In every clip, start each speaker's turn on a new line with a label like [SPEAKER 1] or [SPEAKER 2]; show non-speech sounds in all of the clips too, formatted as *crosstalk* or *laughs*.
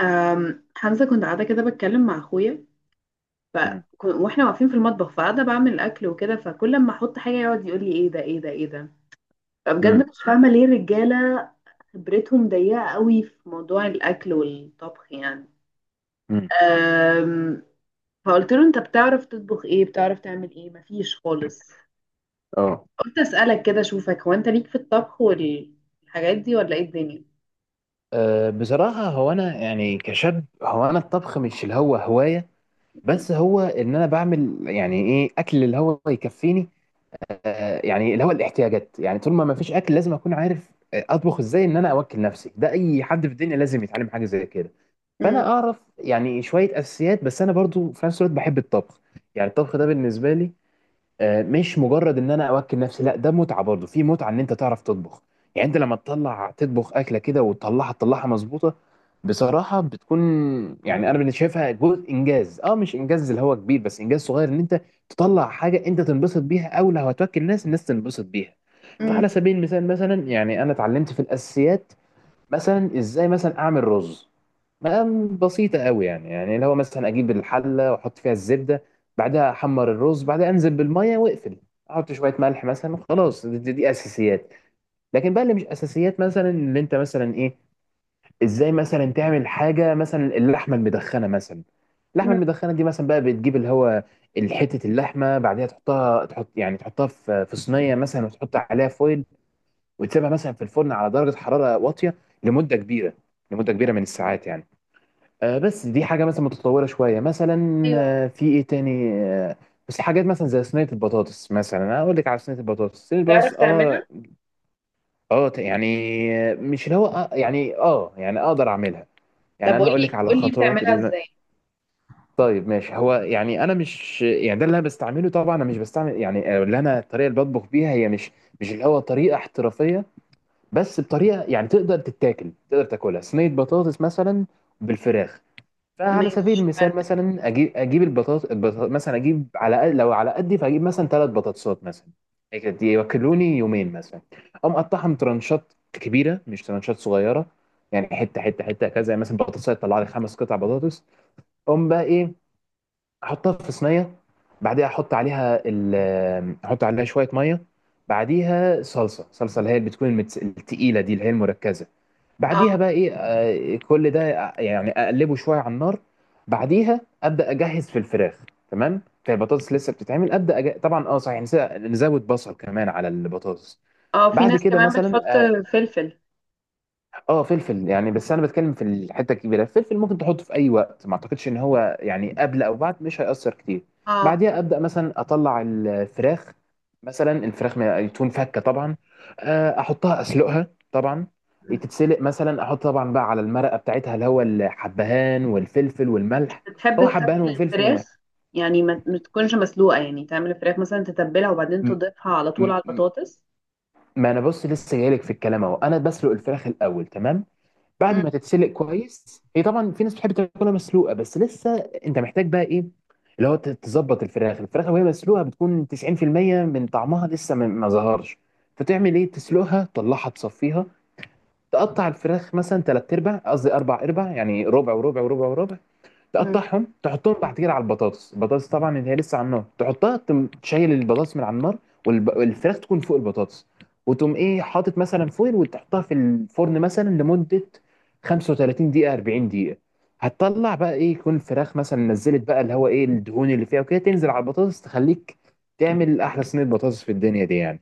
[SPEAKER 1] حمزة كنت قاعدة كده بتكلم مع أخويا ف...
[SPEAKER 2] مم.
[SPEAKER 1] واحنا واقفين في المطبخ، فقاعدة بعمل أكل وكده، فكل ما أحط حاجة يقعد يقول لي إيه ده، إيه ده، إيه ده.
[SPEAKER 2] مم.
[SPEAKER 1] فبجد مش فاهمة ليه الرجالة خبرتهم ضيقة قوي في موضوع الأكل والطبخ يعني.
[SPEAKER 2] مم.
[SPEAKER 1] أم... فقلت له أنت بتعرف تطبخ إيه، بتعرف تعمل إيه؟ مفيش خالص.
[SPEAKER 2] اه.
[SPEAKER 1] قلت أسألك كده أشوفك، هو أنت ليك في الطبخ والحاجات دي ولا إيه الدنيا؟
[SPEAKER 2] أه، بصراحة هو أنا يعني كشاب، هو أنا الطبخ مش اللي هو هواية. بس هو إن أنا بعمل يعني إيه أكل اللي هو يكفيني. أه، يعني اللي هو الاحتياجات، يعني طول ما فيش أكل لازم أكون عارف، أطبخ إزاي إن أنا أوكل نفسي. ده أي حد في الدنيا لازم يتعلم حاجة زي كده.
[SPEAKER 1] مم.
[SPEAKER 2] فأنا أعرف يعني شوية أساسيات، بس أنا برضو في نفس الوقت بحب الطبخ. يعني الطبخ ده بالنسبة لي مش مجرد ان انا اوكل نفسي، لا ده متعه، برضه في متعه ان انت تعرف تطبخ. يعني انت لما تطلع تطبخ اكله كده وتطلعها، تطلعها مظبوطه بصراحه بتكون، يعني انا بالنسبه شايفها جزء انجاز، مش انجاز اللي هو كبير بس انجاز صغير، ان انت تطلع حاجه انت تنبسط بيها او لو هتوكل ناس الناس تنبسط بيها. فعلى
[SPEAKER 1] مم.
[SPEAKER 2] سبيل المثال مثلا يعني انا اتعلمت في الاساسيات. مثلا ازاي مثلا اعمل رز، مقام بسيطة قوي، يعني اللي هو مثلا أجيب الحلة وأحط فيها الزبدة، بعدها أحمر الرز، بعدها أنزل بالمية وأقفل، أحط شوية ملح مثلا. خلاص، دي أساسيات. لكن بقى اللي مش أساسيات مثلا اللي أنت مثلا إيه، إزاي مثلا تعمل حاجة مثلا اللحمة المدخنة مثلا. اللحمة
[SPEAKER 1] مم.
[SPEAKER 2] المدخنة دي مثلا بقى بتجيب اللي هو حتة اللحمة، بعدها تحطها تحط يعني تحطها في صينية مثلا وتحط عليها فويل، وتسيبها مثلا في الفرن على درجة حرارة واطية لمدة كبيرة، من الساعات يعني. بس دي حاجة مثلا متطورة شوية مثلا.
[SPEAKER 1] ايوه.
[SPEAKER 2] في ايه تاني بس حاجات مثلا زي صينية البطاطس مثلا، انا اقول لك على صينية البطاطس.
[SPEAKER 1] بتعرف تعملها؟
[SPEAKER 2] اه، اه، يعني مش اللي هو يعني يعني اقدر اعملها، يعني
[SPEAKER 1] طب
[SPEAKER 2] انا هقول لك
[SPEAKER 1] قولي
[SPEAKER 2] على
[SPEAKER 1] قولي
[SPEAKER 2] الخطوات
[SPEAKER 1] بتعملها
[SPEAKER 2] اللي.
[SPEAKER 1] ازاي؟
[SPEAKER 2] طيب ماشي، هو يعني انا مش يعني ده اللي انا بستعمله، طبعا انا مش بستعمل يعني، اللي انا الطريقة اللي بطبخ بيها هي مش اللي هو طريقة احترافية، بس بطريقة يعني تقدر تتاكل، تقدر تاكلها صينية بطاطس مثلا بالفراخ. فعلى سبيل
[SPEAKER 1] ماشي.
[SPEAKER 2] المثال مثلا اجيب مثلا لو على قدي فاجيب مثلا 3 بطاطسات مثلا. هيك دي ياكلوني يومين مثلا. اقوم اقطعهم ترانشات كبيره مش ترانشات صغيره، يعني حته حته حته كذا يعني. مثلا بطاطس تطلع لي 5 قطع بطاطس. اقوم بقى ايه، احطها في صينيه. بعديها احط عليها شويه ميه. بعديها صلصه، اللي هي اللي بتكون التقيله، دي اللي هي المركزه. بعديها
[SPEAKER 1] اه.
[SPEAKER 2] بقى ايه، كل ده، يعني اقلبه شويه على النار. بعديها ابدا اجهز في الفراخ. تمام، فالبطاطس لسه بتتعمل، ابدا طبعا، اه، صحيح، نزود بصل كمان على البطاطس.
[SPEAKER 1] اه، في
[SPEAKER 2] بعد
[SPEAKER 1] ناس
[SPEAKER 2] كده
[SPEAKER 1] كمان
[SPEAKER 2] مثلا
[SPEAKER 1] بتحط فلفل.
[SPEAKER 2] اه فلفل، يعني بس انا بتكلم في الحته الكبيره. الفلفل ممكن تحطه في اي وقت، ما اعتقدش ان هو يعني قبل او بعد مش هيأثر كتير.
[SPEAKER 1] اه.
[SPEAKER 2] بعديها ابدا مثلا اطلع الفراخ. مثلا الفراخ تكون فكه طبعا. احطها اسلقها طبعا، تتسلق مثلا، احط طبعا بقى على المرقه بتاعتها اللي هو الحبهان والفلفل
[SPEAKER 1] مش
[SPEAKER 2] والملح،
[SPEAKER 1] بتحب
[SPEAKER 2] هو حبهان
[SPEAKER 1] تتبل
[SPEAKER 2] وفلفل
[SPEAKER 1] الفراخ؟
[SPEAKER 2] وملح.
[SPEAKER 1] يعني ما تكونش مسلوقة، يعني تعمل الفراخ مثلا تتبلها وبعدين
[SPEAKER 2] م-
[SPEAKER 1] تضيفها على طول
[SPEAKER 2] م-
[SPEAKER 1] على
[SPEAKER 2] م-
[SPEAKER 1] البطاطس.
[SPEAKER 2] ما انا بص لسه جايلك في الكلام اهو، انا بسلق الفراخ الاول تمام. بعد
[SPEAKER 1] مم.
[SPEAKER 2] ما تتسلق كويس هي، طبعا في ناس بتحب تاكلها مسلوقه، بس لسه انت محتاج بقى ايه، اللي هو تظبط الفراخ، وهي مسلوقه بتكون 90% من طعمها، لسه ما ظهرش. فتعمل ايه، تسلقها تطلعها تصفيها. تقطع الفراخ مثلا تلات ارباع، قصدي اربع ارباع، يعني ربع وربع وربع وربع.
[SPEAKER 1] مم.
[SPEAKER 2] تقطعهم تحطهم بعد كده على البطاطس. البطاطس طبعا اللي هي لسه على النار، تحطها، تشيل البطاطس من على النار، والفراخ تكون فوق البطاطس. وتقوم ايه، حاطط مثلا فويل وتحطها في الفرن مثلا لمدة 35 دقيقة، 40 دقيقة. هتطلع بقى ايه، يكون الفراخ مثلا نزلت بقى اللي هو ايه الدهون اللي فيها وكده، تنزل على البطاطس، تخليك تعمل احلى صينية بطاطس في الدنيا دي يعني.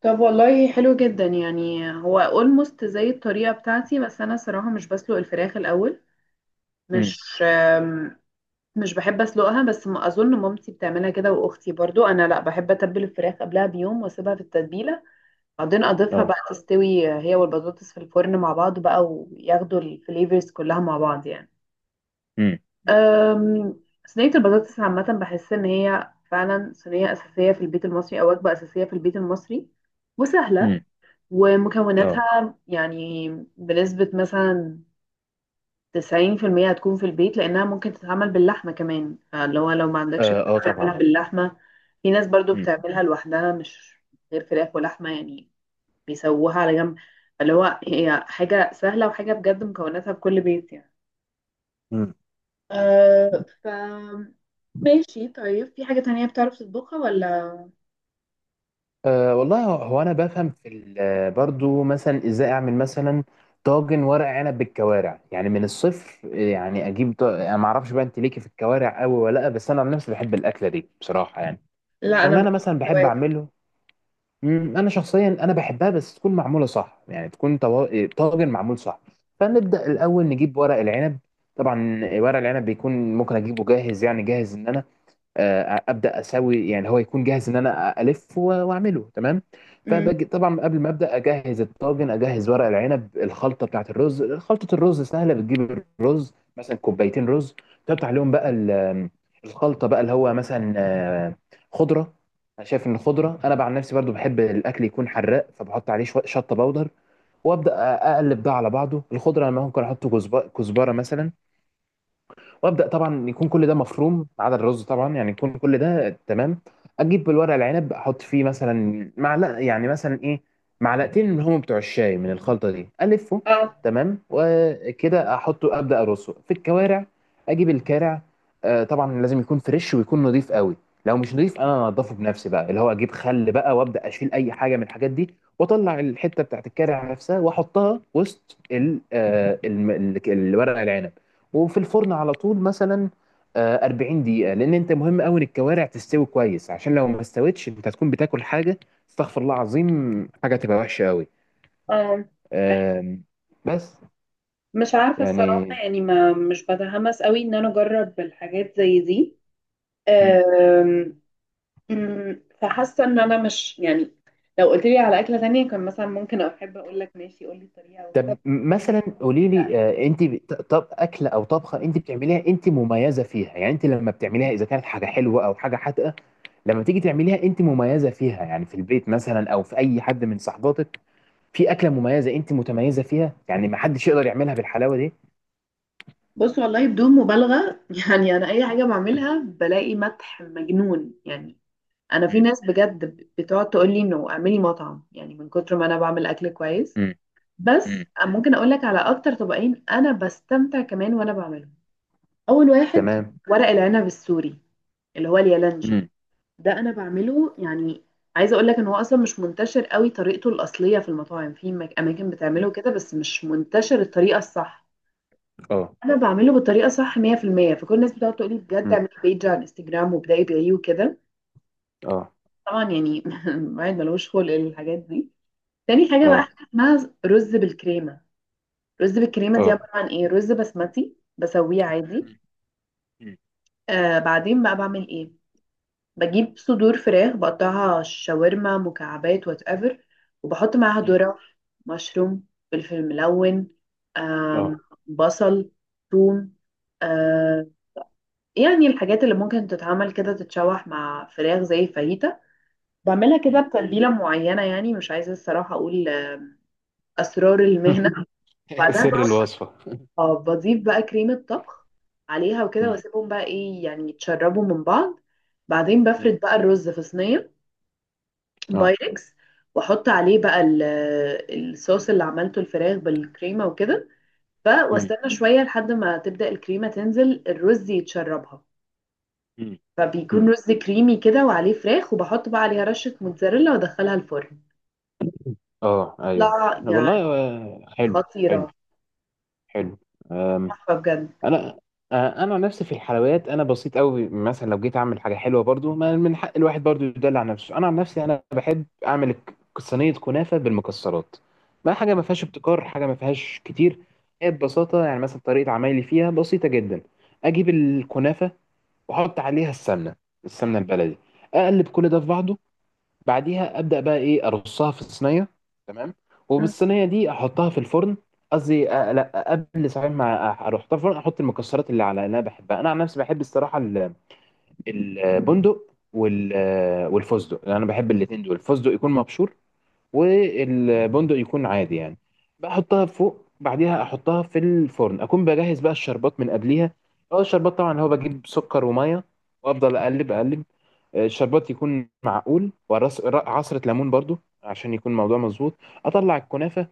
[SPEAKER 1] طب والله حلو جدا، يعني هو اولموست زي الطريقة بتاعتي، بس انا صراحة مش بسلق الفراخ الاول،
[SPEAKER 2] امم.
[SPEAKER 1] مش مش بحب اسلقها، بس ما اظن مامتي بتعملها كده واختي برضو. انا لا، بحب اتبل الفراخ قبلها بيوم واسيبها في التتبيلة، بعدين اضيفها بقى
[SPEAKER 2] اه.
[SPEAKER 1] تستوي هي والبطاطس في الفرن مع بعض بقى، وياخدوا الفليفرز كلها مع بعض يعني.
[SPEAKER 2] امم.
[SPEAKER 1] أم، صينية البطاطس عامة، بحس ان هي فعلا صينية اساسية في البيت المصري، او وجبة اساسية في البيت المصري، وسهلة،
[SPEAKER 2] امم. اه.
[SPEAKER 1] ومكوناتها يعني بنسبة مثلا 90% هتكون في البيت، لانها ممكن تتعمل باللحمة كمان، اللي هو لو ما عندكش
[SPEAKER 2] اه.
[SPEAKER 1] فراخ
[SPEAKER 2] آه،
[SPEAKER 1] تعملها
[SPEAKER 2] طبعا.
[SPEAKER 1] باللحمة. في ناس برضو بتعملها لوحدها، مش غير فراخ ولحمة يعني، بيسووها على جنب. اللي هو هي حاجة سهلة، وحاجة بجد مكوناتها في كل بيت يعني.
[SPEAKER 2] امم.
[SPEAKER 1] أه، ف ماشي، طيب في حاجة تانية بتعرف تطبخها ولا؟
[SPEAKER 2] أه والله، هو انا بفهم برضو مثلا ازاي اعمل مثلا طاجن ورق عنب بالكوارع، يعني من الصفر. يعني انا ما اعرفش بقى انت ليكي في الكوارع قوي ولا لا، بس انا عن نفسي بحب الاكله دي بصراحه يعني.
[SPEAKER 1] لا، أنا
[SPEAKER 2] فاللي انا
[SPEAKER 1] باكلش
[SPEAKER 2] مثلا بحب
[SPEAKER 1] فواتح.
[SPEAKER 2] اعمله، انا شخصيا انا بحبها بس تكون معموله صح، يعني تكون طاجن معمول صح. فنبدا الاول نجيب ورق العنب. طبعا ورق العنب بيكون ممكن اجيبه جاهز، يعني جاهز ان انا ابدا اسوي، يعني هو يكون جاهز ان انا الف واعمله تمام.
[SPEAKER 1] أمم.
[SPEAKER 2] فبجي طبعا قبل ما ابدا اجهز الطاجن، اجهز ورق العنب، الخلطه بتاعت الرز. خلطه الرز سهله، بتجيب الرز مثلا كوبايتين رز، تقطع عليهم بقى الخلطه بقى اللي هو مثلا خضره. انا شايف ان الخضره، انا بقى عن نفسي برضو بحب الاكل يكون حراق، فبحط عليه شويه شطه بودر وابدا اقلب ده على بعضه. الخضره انا ممكن احط كزبره مثلا، وابدا طبعا يكون كل ده مفروم ما عدا الرز طبعا، يعني يكون كل ده تمام. اجيب الورق العنب، احط فيه مثلا معلقه، يعني مثلا ايه، معلقتين من هم بتوع الشاي من الخلطه دي الفه.
[SPEAKER 1] اه.
[SPEAKER 2] تمام، وكده احطه ابدا ارصه في الكوارع. اجيب الكارع، آه طبعا لازم يكون فريش ويكون نظيف قوي. لو مش نظيف انا انضفه بنفسي بقى اللي هو اجيب خل بقى وابدا اشيل اي حاجه من الحاجات دي، واطلع الحته بتاعت الكارع نفسها واحطها وسط الورق العنب. وفي الفرن على طول مثلا 40 دقيقة، لأن أنت مهم أوي إن الكوارع تستوي كويس، عشان لو ما استوتش أنت هتكون بتاكل حاجة، استغفر الله العظيم، حاجة تبقى وحشة أوي.
[SPEAKER 1] اه. أي.
[SPEAKER 2] آم، بس
[SPEAKER 1] مش عارفة الصراحة،
[SPEAKER 2] يعني.
[SPEAKER 1] يعني ما مش بتحمس قوي إن أنا أجرب الحاجات زي دي.
[SPEAKER 2] مم.
[SPEAKER 1] أم، أمم، فحاسة إن أنا مش يعني، لو قلت لي على أكلة تانية كان مثلا ممكن أحب أقول لك ماشي قول لي الطريقة
[SPEAKER 2] طب مثلا قولي
[SPEAKER 1] وكده.
[SPEAKER 2] لي، أنت طب أكلة أو طبخة أنت بتعمليها أنت مميزة فيها؟ يعني أنت لما بتعمليها، إذا كانت حاجة حلوة أو حاجة حادقة، لما تيجي تعمليها أنت مميزة فيها، يعني في البيت مثلا أو في أي حد من صحباتك، في أكلة مميزة أنت متميزة فيها، يعني ما حدش يقدر يعملها بالحلاوة دي؟
[SPEAKER 1] بص والله بدون مبالغة *laughs* يعني أنا أي حاجة بعملها بلاقي مدح مجنون يعني. أنا في
[SPEAKER 2] مم.
[SPEAKER 1] ناس بجد بتقعد تقول لي إنه اعملي مطعم، يعني من كتر ما أنا بعمل أكل كويس.
[SPEAKER 2] مم.
[SPEAKER 1] بس
[SPEAKER 2] مم.
[SPEAKER 1] ممكن أقول لك على أكتر طبقين أنا بستمتع كمان وأنا بعملهم. أول واحد
[SPEAKER 2] تمام.
[SPEAKER 1] ورق العنب السوري، اللي هو اليالنجي،
[SPEAKER 2] مم.
[SPEAKER 1] ده أنا بعمله يعني. عايزة أقول لك إن هو أصلا مش منتشر قوي طريقته الأصلية في المطاعم، في أماكن بتعمله
[SPEAKER 2] مم.
[SPEAKER 1] كده بس مش منتشر الطريقة الصح.
[SPEAKER 2] اه.
[SPEAKER 1] انا بعمله بالطريقه صح 100%، فكل الناس بتقعد تقول لي بجد
[SPEAKER 2] مم.
[SPEAKER 1] اعملي بيج على الانستجرام وابداي بايه وكده.
[SPEAKER 2] اه.
[SPEAKER 1] طبعا يعني *laughs* الواحد ملوش خلق للحاجات دي. تاني حاجه بقى،
[SPEAKER 2] اه.
[SPEAKER 1] حاجة اسمها رز بالكريمه. رز بالكريمه دي
[SPEAKER 2] اه.
[SPEAKER 1] عباره عن ايه، رز بسمتي بسويه عادي.
[SPEAKER 2] مم. مم.
[SPEAKER 1] آه، بعدين بقى بعمل ايه، بجيب صدور فراخ بقطعها شاورما مكعبات وات ايفر، وبحط معاها
[SPEAKER 2] مم.
[SPEAKER 1] ذره، مشروم، فلفل ملون، آم،
[SPEAKER 2] اه.
[SPEAKER 1] بصل، ثوم، آه، يعني الحاجات اللي ممكن تتعمل كده تتشوح مع فراخ زي الفاهيتا. بعملها كده
[SPEAKER 2] مم. مم.
[SPEAKER 1] بتتبيلة معينة، يعني مش عايزة الصراحة أقول أسرار
[SPEAKER 2] *laughs*
[SPEAKER 1] المهنة. بعدها
[SPEAKER 2] سر
[SPEAKER 1] بقى
[SPEAKER 2] الوصفة.
[SPEAKER 1] *laughs* آه، بضيف بقى كريمة طبخ عليها وكده،
[SPEAKER 2] مم.
[SPEAKER 1] واسيبهم بقى ايه يعني يتشربوا من بعض. بعدين
[SPEAKER 2] مم.
[SPEAKER 1] بفرد بقى الرز في صينية
[SPEAKER 2] اه.
[SPEAKER 1] بايركس، واحط عليه بقى الصوص اللي عملته الفراخ بالكريمة وكده.
[SPEAKER 2] مم.
[SPEAKER 1] واستنى شوية لحد ما تبدأ الكريمة تنزل الرز يتشربها،
[SPEAKER 2] مم.
[SPEAKER 1] فبيكون
[SPEAKER 2] مم.
[SPEAKER 1] رز كريمي كده وعليه فراخ، وبحط بقى عليها رشة موتزاريلا وادخلها الفرن.
[SPEAKER 2] اه. ايوه.
[SPEAKER 1] لا يعني،
[SPEAKER 2] والله حلو، حلو،
[SPEAKER 1] خطيرة،
[SPEAKER 2] حلو.
[SPEAKER 1] تحفة بجد.
[SPEAKER 2] انا، انا عن نفسي في الحلويات انا بسيط قوي. مثلا لو جيت اعمل حاجه حلوه، برضو ما من حق الواحد برضو يدلع نفسه. انا عن نفسي انا بحب اعمل صينيه كنافه بالمكسرات. ما حاجه ما فيهاش ابتكار، حاجه ما فيهاش كتير، هي ببساطه يعني مثلا طريقه عمايلي فيها بسيطه جدا. اجيب الكنافه واحط عليها السمنه، السمنه البلدي. اقلب كل ده في بعضه. بعديها ابدا بقى ايه، ارصها في الصينيه. تمام،
[SPEAKER 1] مم.
[SPEAKER 2] وبالصينيه دي احطها في الفرن. قصدي لا، قبل، صحيح، ما اروح في الفرن احط المكسرات اللي انا بحبها. انا عن نفسي بحب الصراحه البندق والفستق، انا بحب الاثنين دول. الفستق يكون مبشور والبندق يكون عادي يعني. بحطها فوق، بعديها احطها في الفرن، اكون بجهز بقى الشربات من قبليها. اه الشربات طبعا هو بجيب سكر وميه وافضل اقلب اقلب. الشربات يكون معقول، ورص عصرة ليمون برضو عشان يكون الموضوع مظبوط. اطلع الكنافة،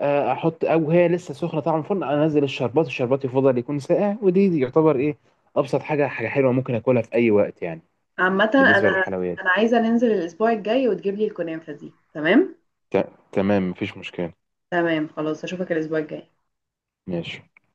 [SPEAKER 2] احط، او هي لسه سخنة طعم الفرن، انزل الشربات. الشربات يفضل يكون ساقع. ودي يعتبر ايه، ابسط حاجة، حاجة حلوة ممكن اكلها في اي وقت يعني
[SPEAKER 1] عامة
[SPEAKER 2] بالنسبة
[SPEAKER 1] انا،
[SPEAKER 2] للحلويات.
[SPEAKER 1] انا عايزة ننزل الاسبوع الجاي وتجيب لي الكنافة دي، تمام؟
[SPEAKER 2] تمام مفيش مشكلة.
[SPEAKER 1] تمام خلاص، اشوفك الاسبوع الجاي.
[SPEAKER 2] ماشي